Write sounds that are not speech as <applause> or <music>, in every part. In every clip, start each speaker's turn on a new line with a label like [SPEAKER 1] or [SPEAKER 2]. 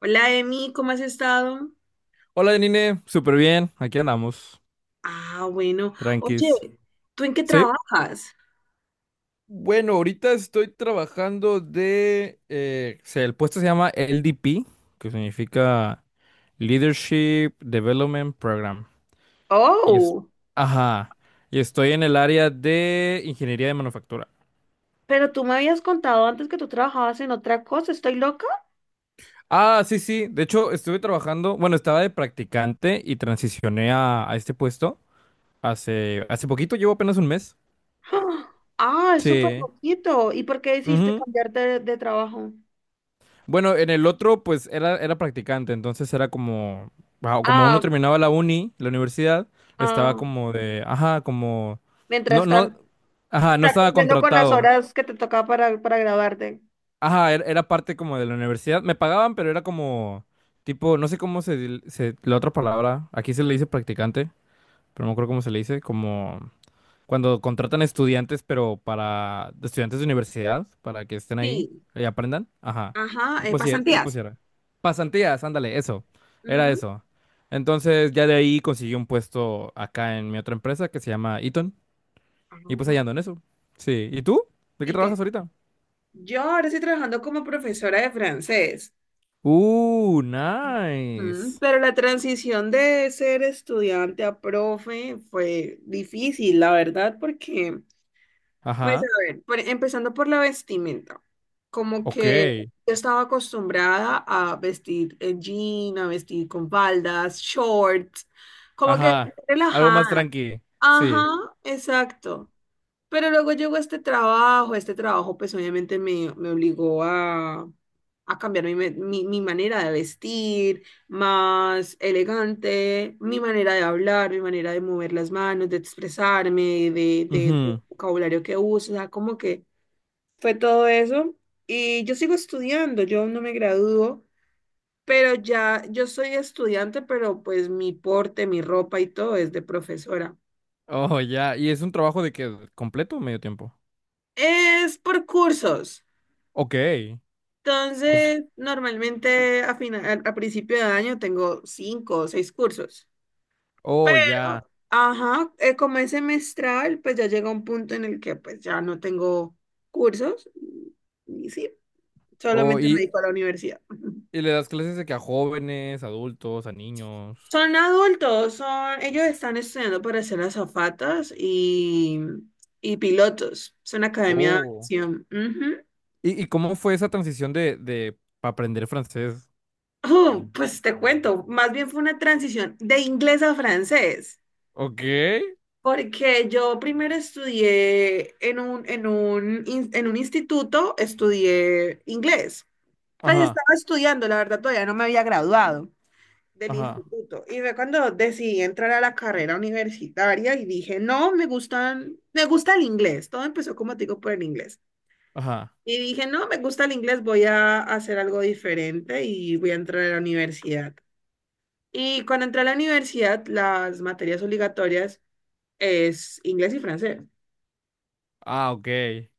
[SPEAKER 1] Hola, Emi, ¿cómo has estado?
[SPEAKER 2] Hola, Janine, súper bien, aquí andamos,
[SPEAKER 1] Ah, bueno. Oye,
[SPEAKER 2] tranquis.
[SPEAKER 1] ¿tú en qué
[SPEAKER 2] ¿Sí?
[SPEAKER 1] trabajas?
[SPEAKER 2] Bueno, ahorita estoy trabajando de... El puesto se llama LDP, que significa Leadership Development Program. Y es,
[SPEAKER 1] Oh,
[SPEAKER 2] ajá, y estoy en el área de ingeniería de manufactura.
[SPEAKER 1] pero tú me habías contado antes que tú trabajabas en otra cosa, ¿estoy loca?
[SPEAKER 2] Ah, sí, sí, de hecho estuve trabajando, bueno, estaba de practicante y transicioné a este puesto hace poquito, llevo apenas un mes.
[SPEAKER 1] <gasps> Ah, Ah, es súper
[SPEAKER 2] Sí.
[SPEAKER 1] poquito. ¿Y por qué decidiste cambiarte de trabajo?
[SPEAKER 2] Bueno, en el otro, pues era practicante, entonces era como, ah, como uno
[SPEAKER 1] Ah,
[SPEAKER 2] terminaba la universidad, estaba
[SPEAKER 1] ah,
[SPEAKER 2] como de, ajá, como, no,
[SPEAKER 1] mientras
[SPEAKER 2] no,
[SPEAKER 1] tanto,
[SPEAKER 2] ajá, no
[SPEAKER 1] estás
[SPEAKER 2] estaba
[SPEAKER 1] cumpliendo con las
[SPEAKER 2] contratado.
[SPEAKER 1] horas que te toca para graduarte.
[SPEAKER 2] Ajá, era parte como de la universidad. Me pagaban, pero era como, tipo, no sé cómo se, la otra palabra, aquí se le dice practicante, pero no creo cómo se le dice, como... Cuando contratan estudiantes, pero para estudiantes de universidad, para que estén ahí
[SPEAKER 1] Sí,
[SPEAKER 2] y aprendan. Ajá.
[SPEAKER 1] ajá,
[SPEAKER 2] Tipo
[SPEAKER 1] pasantías.
[SPEAKER 2] si pasantías, ándale, eso. Era
[SPEAKER 1] Ujú.
[SPEAKER 2] eso. Entonces ya de ahí conseguí un puesto acá en mi otra empresa que se llama Eaton.
[SPEAKER 1] Ah,
[SPEAKER 2] Y pues ahí ando en eso. Sí. ¿Y tú? ¿De qué
[SPEAKER 1] ¿y
[SPEAKER 2] trabajas
[SPEAKER 1] qué?
[SPEAKER 2] ahorita?
[SPEAKER 1] Yo ahora estoy trabajando como profesora de francés. Mm,
[SPEAKER 2] Nice.
[SPEAKER 1] pero la transición de ser estudiante a profe fue difícil, la verdad, porque, pues a
[SPEAKER 2] Ajá.
[SPEAKER 1] ver, empezando por la vestimenta, como
[SPEAKER 2] Ok.
[SPEAKER 1] que yo estaba acostumbrada a vestir en jean, a vestir con faldas, shorts, como que
[SPEAKER 2] Ajá. Algo más
[SPEAKER 1] relajada.
[SPEAKER 2] tranqui.
[SPEAKER 1] Ajá,
[SPEAKER 2] Sí.
[SPEAKER 1] exacto. Pero luego llegó este trabajo, pues obviamente me obligó a cambiar mi manera de vestir, más elegante, mi manera de hablar, mi manera de mover las manos, de expresarme, de
[SPEAKER 2] Ujú.
[SPEAKER 1] vocabulario que uso, o sea, como que fue todo eso. Y yo sigo estudiando, yo aún no me gradúo, pero ya yo soy estudiante, pero pues mi porte, mi ropa y todo es de profesora.
[SPEAKER 2] Oh, ya. ¿Y es un trabajo de qué? ¿Completo o medio tiempo?
[SPEAKER 1] Es por cursos.
[SPEAKER 2] Ok. Os-
[SPEAKER 1] Entonces, normalmente a final, a principio de año tengo 5 o 6 cursos,
[SPEAKER 2] oh, ya.
[SPEAKER 1] pero, ajá, como es semestral, pues ya llega un punto en el que pues ya no tengo cursos y sí,
[SPEAKER 2] Oh,
[SPEAKER 1] solamente me dedico a la universidad. <laughs>
[SPEAKER 2] y le das clases de que a jóvenes, adultos, a niños.
[SPEAKER 1] Son adultos, ellos están estudiando para ser azafatas y pilotos. Es una academia de
[SPEAKER 2] Oh.
[SPEAKER 1] aviación. Ujú.
[SPEAKER 2] Y cómo fue esa transición de pa' aprender francés?
[SPEAKER 1] Oh, pues te cuento, más bien fue una transición de inglés a francés.
[SPEAKER 2] Ok.
[SPEAKER 1] Porque yo primero estudié en un instituto, estudié inglés. Pues
[SPEAKER 2] Ajá,
[SPEAKER 1] estaba estudiando, la verdad todavía no me había graduado del
[SPEAKER 2] ajá,
[SPEAKER 1] instituto. Y fue cuando decidí entrar a la carrera universitaria y dije, no, me gusta el inglés. Todo empezó como te digo por el inglés.
[SPEAKER 2] ajá.
[SPEAKER 1] Y dije, no, me gusta el inglés, voy a hacer algo diferente y voy a entrar a la universidad. Y cuando entré a la universidad, las materias obligatorias es inglés y francés.
[SPEAKER 2] Ah, ok.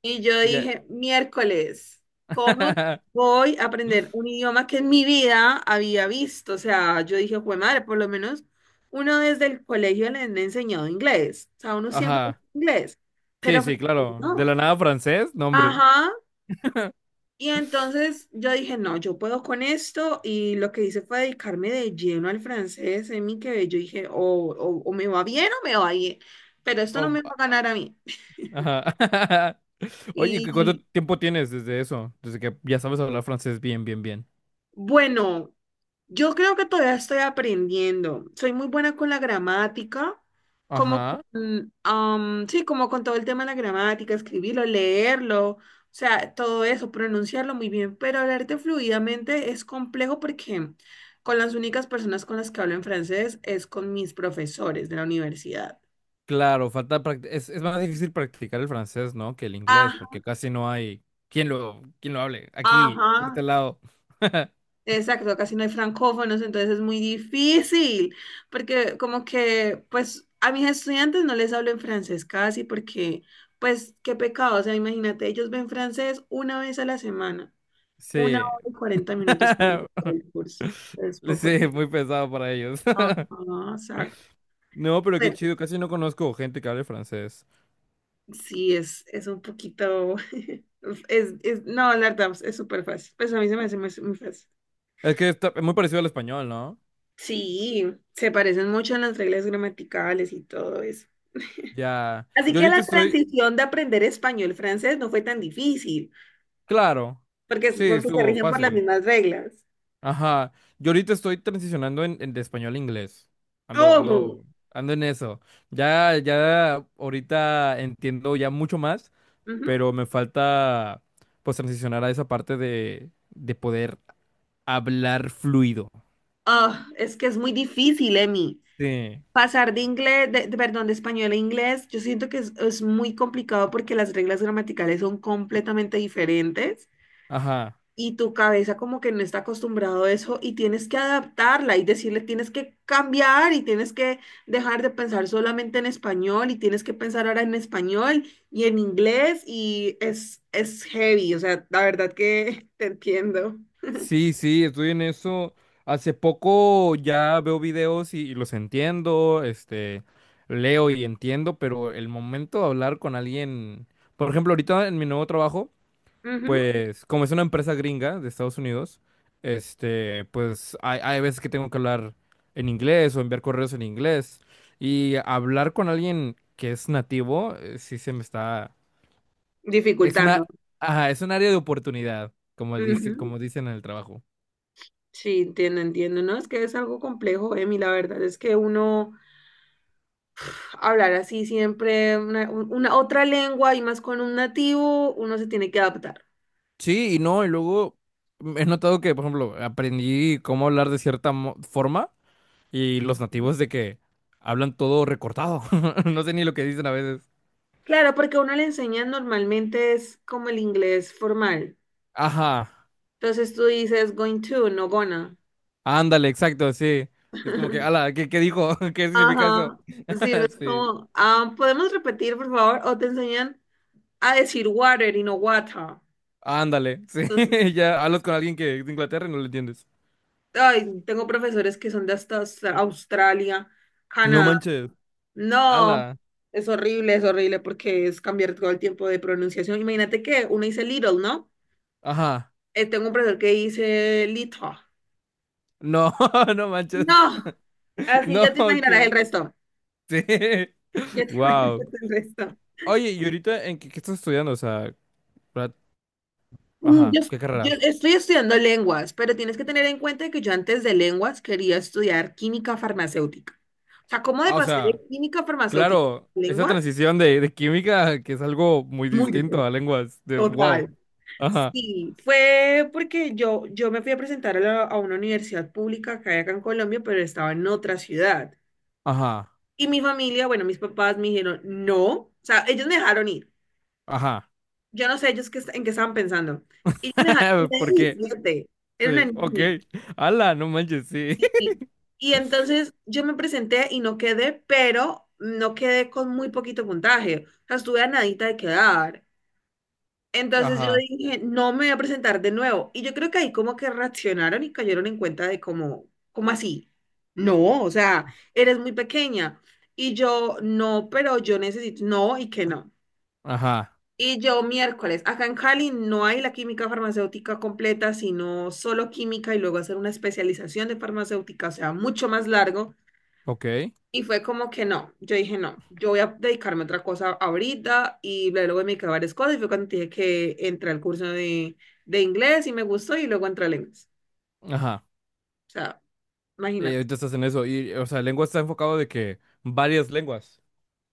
[SPEAKER 1] Y yo
[SPEAKER 2] Ya.
[SPEAKER 1] dije, miércoles, ¿cómo
[SPEAKER 2] <laughs>
[SPEAKER 1] voy a aprender un idioma que en mi vida había visto? O sea, yo dije, jue madre, por lo menos uno desde el colegio le han enseñado inglés. O sea, uno siempre es
[SPEAKER 2] Ajá.
[SPEAKER 1] inglés,
[SPEAKER 2] Sí,
[SPEAKER 1] pero
[SPEAKER 2] sí,
[SPEAKER 1] francés
[SPEAKER 2] claro. De
[SPEAKER 1] no.
[SPEAKER 2] la nada francés, nombre.
[SPEAKER 1] Ajá.
[SPEAKER 2] <laughs>
[SPEAKER 1] Y entonces yo dije, no, yo puedo con esto. Y lo que hice fue dedicarme de lleno al francés en mi que yo dije, o me va bien o me va bien, pero esto no
[SPEAKER 2] Oh,
[SPEAKER 1] me va a ganar a mí.
[SPEAKER 2] ajá. <laughs> Oye, ¿y cuánto
[SPEAKER 1] Y
[SPEAKER 2] tiempo tienes desde eso? Desde que ya sabes hablar francés bien, bien, bien.
[SPEAKER 1] bueno. Yo creo que todavía estoy aprendiendo. Soy muy buena con la gramática, como
[SPEAKER 2] Ajá.
[SPEAKER 1] con, sí, como con todo el tema de la gramática, escribirlo, leerlo, o sea, todo eso, pronunciarlo muy bien, pero hablarte fluidamente es complejo porque con las únicas personas con las que hablo en francés es con mis profesores de la universidad.
[SPEAKER 2] Claro, es más difícil practicar el francés, ¿no? Que el inglés,
[SPEAKER 1] Ajá,
[SPEAKER 2] porque casi no hay quien lo hable aquí, de este
[SPEAKER 1] ajá,
[SPEAKER 2] lado. <laughs>
[SPEAKER 1] exacto, casi no hay francófonos, entonces es muy difícil, porque como que, pues, a mis estudiantes no les hablo en francés casi, porque, pues, qué pecado, o sea, imagínate, ellos ven francés una vez a la semana, una
[SPEAKER 2] Sí.
[SPEAKER 1] hora y 40 minutos que
[SPEAKER 2] <laughs>
[SPEAKER 1] dura el curso, es poco
[SPEAKER 2] Sí,
[SPEAKER 1] tiempo.
[SPEAKER 2] muy pesado para ellos.
[SPEAKER 1] Ajá,
[SPEAKER 2] <laughs>
[SPEAKER 1] exacto.
[SPEAKER 2] No, pero qué
[SPEAKER 1] Pero
[SPEAKER 2] chido, casi no conozco gente que hable francés.
[SPEAKER 1] sí, es un poquito, <laughs> no, la verdad, es súper fácil, pues a mí se me hace muy muy fácil.
[SPEAKER 2] Es muy parecido al español, ¿no?
[SPEAKER 1] Sí, se parecen mucho en las reglas gramaticales y todo eso. <laughs>
[SPEAKER 2] Ya.
[SPEAKER 1] Así que la transición de aprender español-francés no fue tan difícil,
[SPEAKER 2] Claro.
[SPEAKER 1] porque,
[SPEAKER 2] Sí,
[SPEAKER 1] porque se
[SPEAKER 2] estuvo
[SPEAKER 1] rigen por las
[SPEAKER 2] fácil.
[SPEAKER 1] mismas reglas.
[SPEAKER 2] Ajá, yo ahorita estoy transicionando en de español a inglés. Ando,
[SPEAKER 1] ¡Ojo!
[SPEAKER 2] ando, ando en eso. Ya, ya ahorita entiendo ya mucho más,
[SPEAKER 1] Ujú.
[SPEAKER 2] pero me falta pues transicionar a esa parte de poder hablar fluido.
[SPEAKER 1] Ah, es que es muy difícil, Emi.
[SPEAKER 2] Sí,
[SPEAKER 1] Pasar de inglés, perdón, de español a inglés, yo siento que es muy complicado porque las reglas gramaticales son completamente diferentes.
[SPEAKER 2] ajá.
[SPEAKER 1] Y tu cabeza como que no está acostumbrado a eso y tienes que adaptarla y decirle tienes que cambiar y tienes que dejar de pensar solamente en español y tienes que pensar ahora en español y en inglés y es heavy, o sea, la verdad que <laughs> te entiendo.
[SPEAKER 2] Sí, sí, estoy en eso. Hace poco ya veo videos y los entiendo, este, leo y entiendo, pero el momento de hablar con alguien, por ejemplo, ahorita en mi nuevo trabajo.
[SPEAKER 1] Ujú,
[SPEAKER 2] Pues, como es una empresa gringa de Estados Unidos, este, pues hay veces que tengo que hablar en inglés o enviar correos en inglés. Y hablar con alguien que es nativo, sí se me está. Es una.
[SPEAKER 1] dificultando.
[SPEAKER 2] Ajá, es un área de oportunidad, como dice,
[SPEAKER 1] Ujú,
[SPEAKER 2] como dicen en el trabajo.
[SPEAKER 1] sí, entiendo, entiendo, ¿no? Es que es algo complejo, Emi, la verdad es que uno hablar así siempre una otra lengua y más con un nativo, uno se tiene que adaptar.
[SPEAKER 2] Sí, y no, y luego he notado que, por ejemplo, aprendí cómo hablar de cierta forma y los nativos de que hablan todo recortado. <laughs> No sé ni lo que dicen a veces.
[SPEAKER 1] Claro, porque a uno le enseña normalmente es como el inglés formal.
[SPEAKER 2] Ajá,
[SPEAKER 1] Entonces tú dices going to, no gonna.
[SPEAKER 2] ándale, exacto, sí. Es como que,
[SPEAKER 1] <laughs>
[SPEAKER 2] ala, ¿qué, qué dijo? <laughs> ¿Qué significa eso?
[SPEAKER 1] Ajá. Sí,
[SPEAKER 2] <laughs>
[SPEAKER 1] es
[SPEAKER 2] Sí.
[SPEAKER 1] como, ah, ¿podemos repetir, por favor? O te enseñan a decir water y no water.
[SPEAKER 2] Ándale, sí.
[SPEAKER 1] Entonces,
[SPEAKER 2] <laughs> Ya hablas con alguien que es de Inglaterra y no lo entiendes.
[SPEAKER 1] ay, tengo profesores que son de hasta Australia,
[SPEAKER 2] No
[SPEAKER 1] Canadá.
[SPEAKER 2] manches.
[SPEAKER 1] No,
[SPEAKER 2] Ala.
[SPEAKER 1] es horrible porque es cambiar todo el tiempo de pronunciación. Imagínate que uno dice little, ¿no?
[SPEAKER 2] Ajá.
[SPEAKER 1] Tengo un profesor que dice little.
[SPEAKER 2] No, <laughs> no manches.
[SPEAKER 1] No.
[SPEAKER 2] <laughs>
[SPEAKER 1] Así
[SPEAKER 2] No,
[SPEAKER 1] ya te imaginarás el
[SPEAKER 2] que.
[SPEAKER 1] resto.
[SPEAKER 2] Sí. <laughs>
[SPEAKER 1] Ya te <laughs> imaginarás
[SPEAKER 2] Wow.
[SPEAKER 1] el resto.
[SPEAKER 2] Oye, ¿y ahorita en qué, qué estás estudiando? O sea, pra-
[SPEAKER 1] Mm,
[SPEAKER 2] ajá,
[SPEAKER 1] Yo,
[SPEAKER 2] ¿qué
[SPEAKER 1] yo
[SPEAKER 2] carrera?
[SPEAKER 1] estoy estudiando lenguas, pero tienes que tener en cuenta que yo antes de lenguas quería estudiar química farmacéutica. O sea, ¿cómo de
[SPEAKER 2] Ah, o
[SPEAKER 1] pasar de
[SPEAKER 2] sea,
[SPEAKER 1] química farmacéutica
[SPEAKER 2] claro,
[SPEAKER 1] a
[SPEAKER 2] esa
[SPEAKER 1] lengua?
[SPEAKER 2] transición de química que es algo muy
[SPEAKER 1] Muy
[SPEAKER 2] distinto
[SPEAKER 1] diferente.
[SPEAKER 2] a lenguas, de wow.
[SPEAKER 1] Total.
[SPEAKER 2] Ajá,
[SPEAKER 1] Sí, fue porque yo me fui a presentar a una universidad pública que hay acá en Colombia, pero estaba en otra ciudad.
[SPEAKER 2] ajá,
[SPEAKER 1] Y mi familia, bueno, mis papás me dijeron, no, o sea, ellos me dejaron ir.
[SPEAKER 2] ajá.
[SPEAKER 1] Yo no sé ellos en qué estaban pensando. Y yo me dejaron,
[SPEAKER 2] <laughs>
[SPEAKER 1] tenía
[SPEAKER 2] ¿Por qué?
[SPEAKER 1] 17, era una
[SPEAKER 2] Sí, ok.
[SPEAKER 1] niña,
[SPEAKER 2] Ala, no manches, sí.
[SPEAKER 1] sí. Y entonces yo me presenté y no quedé, pero no quedé con muy poquito puntaje. O sea, estuve a nadita de quedar.
[SPEAKER 2] <laughs>
[SPEAKER 1] Entonces yo
[SPEAKER 2] Ajá,
[SPEAKER 1] dije, no me voy a presentar de nuevo. Y yo creo que ahí como que reaccionaron y cayeron en cuenta de cómo, ¿cómo así? No, o sea, eres muy pequeña. Y yo, no, pero yo necesito, no, y que no.
[SPEAKER 2] ajá,
[SPEAKER 1] Y yo miércoles, acá en Cali no hay la química farmacéutica completa, sino solo química y luego hacer una especialización de farmacéutica, o sea, mucho más largo.
[SPEAKER 2] ok,
[SPEAKER 1] Y fue como que no, yo dije no, yo voy a dedicarme a otra cosa ahorita y bla, luego me dediqué a varias cosas y fue cuando te dije que entré al curso de inglés y me gustó y luego entré al inglés.
[SPEAKER 2] ajá.
[SPEAKER 1] O sea, imagínate.
[SPEAKER 2] Ahorita estás en eso. Y, o sea, lengua está enfocado de que varias lenguas.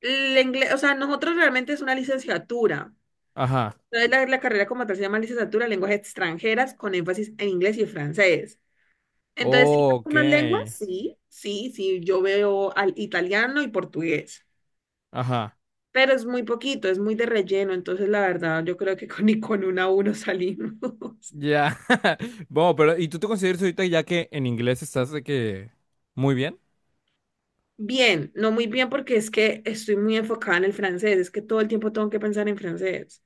[SPEAKER 1] El inglés, o sea, nosotros realmente es una licenciatura.
[SPEAKER 2] Ajá.
[SPEAKER 1] Entonces la carrera como tal se llama licenciatura en lenguas extranjeras con énfasis en inglés y francés. Entonces, sí,
[SPEAKER 2] Oh, ok.
[SPEAKER 1] algunas lenguas, sí, sí, sí, yo veo al italiano y portugués,
[SPEAKER 2] Ajá.
[SPEAKER 1] pero es muy poquito, es muy de relleno, entonces la verdad, yo creo que con, <laughs> ni con una a uno salimos. <laughs>
[SPEAKER 2] Ya. <laughs> Bueno, pero ¿y tú te consideras ahorita ya que en inglés estás de que muy bien?
[SPEAKER 1] Bien, no muy bien porque es que estoy muy enfocada en el francés, es que todo el tiempo tengo que pensar en francés.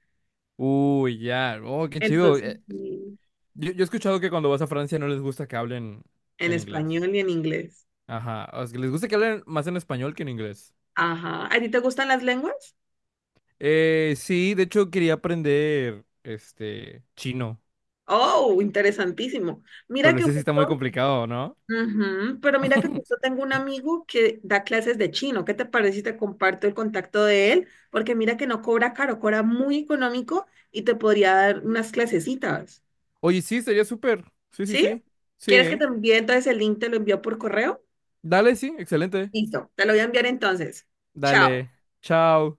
[SPEAKER 2] Uy, ya. Oh, qué chido.
[SPEAKER 1] Entonces, sí,
[SPEAKER 2] Yo he escuchado que cuando vas a Francia no les gusta que hablen
[SPEAKER 1] en
[SPEAKER 2] en inglés.
[SPEAKER 1] español y en inglés.
[SPEAKER 2] Ajá. O sea, que les gusta que hablen más en español que en inglés.
[SPEAKER 1] Ajá. ¿A ti te gustan las lenguas?
[SPEAKER 2] Sí, de hecho quería aprender este chino,
[SPEAKER 1] Oh, interesantísimo.
[SPEAKER 2] pero
[SPEAKER 1] Mira
[SPEAKER 2] no
[SPEAKER 1] que
[SPEAKER 2] sé si está muy
[SPEAKER 1] justo
[SPEAKER 2] complicado, ¿no?
[SPEAKER 1] Ujú, pero mira que justo tengo un amigo que da clases de chino. ¿Qué te parece si te comparto el contacto de él? Porque mira que no cobra caro, cobra muy económico y te podría dar unas clasecitas.
[SPEAKER 2] Oye, sí, estaría súper. Sí, sí,
[SPEAKER 1] ¿Sí?
[SPEAKER 2] sí. Sí.
[SPEAKER 1] ¿Quieres que te
[SPEAKER 2] ¿Eh?
[SPEAKER 1] envíe entonces el link? Te lo envío por correo.
[SPEAKER 2] Dale, sí, excelente.
[SPEAKER 1] Listo, te lo voy a enviar entonces. Chao.
[SPEAKER 2] Dale. Chao.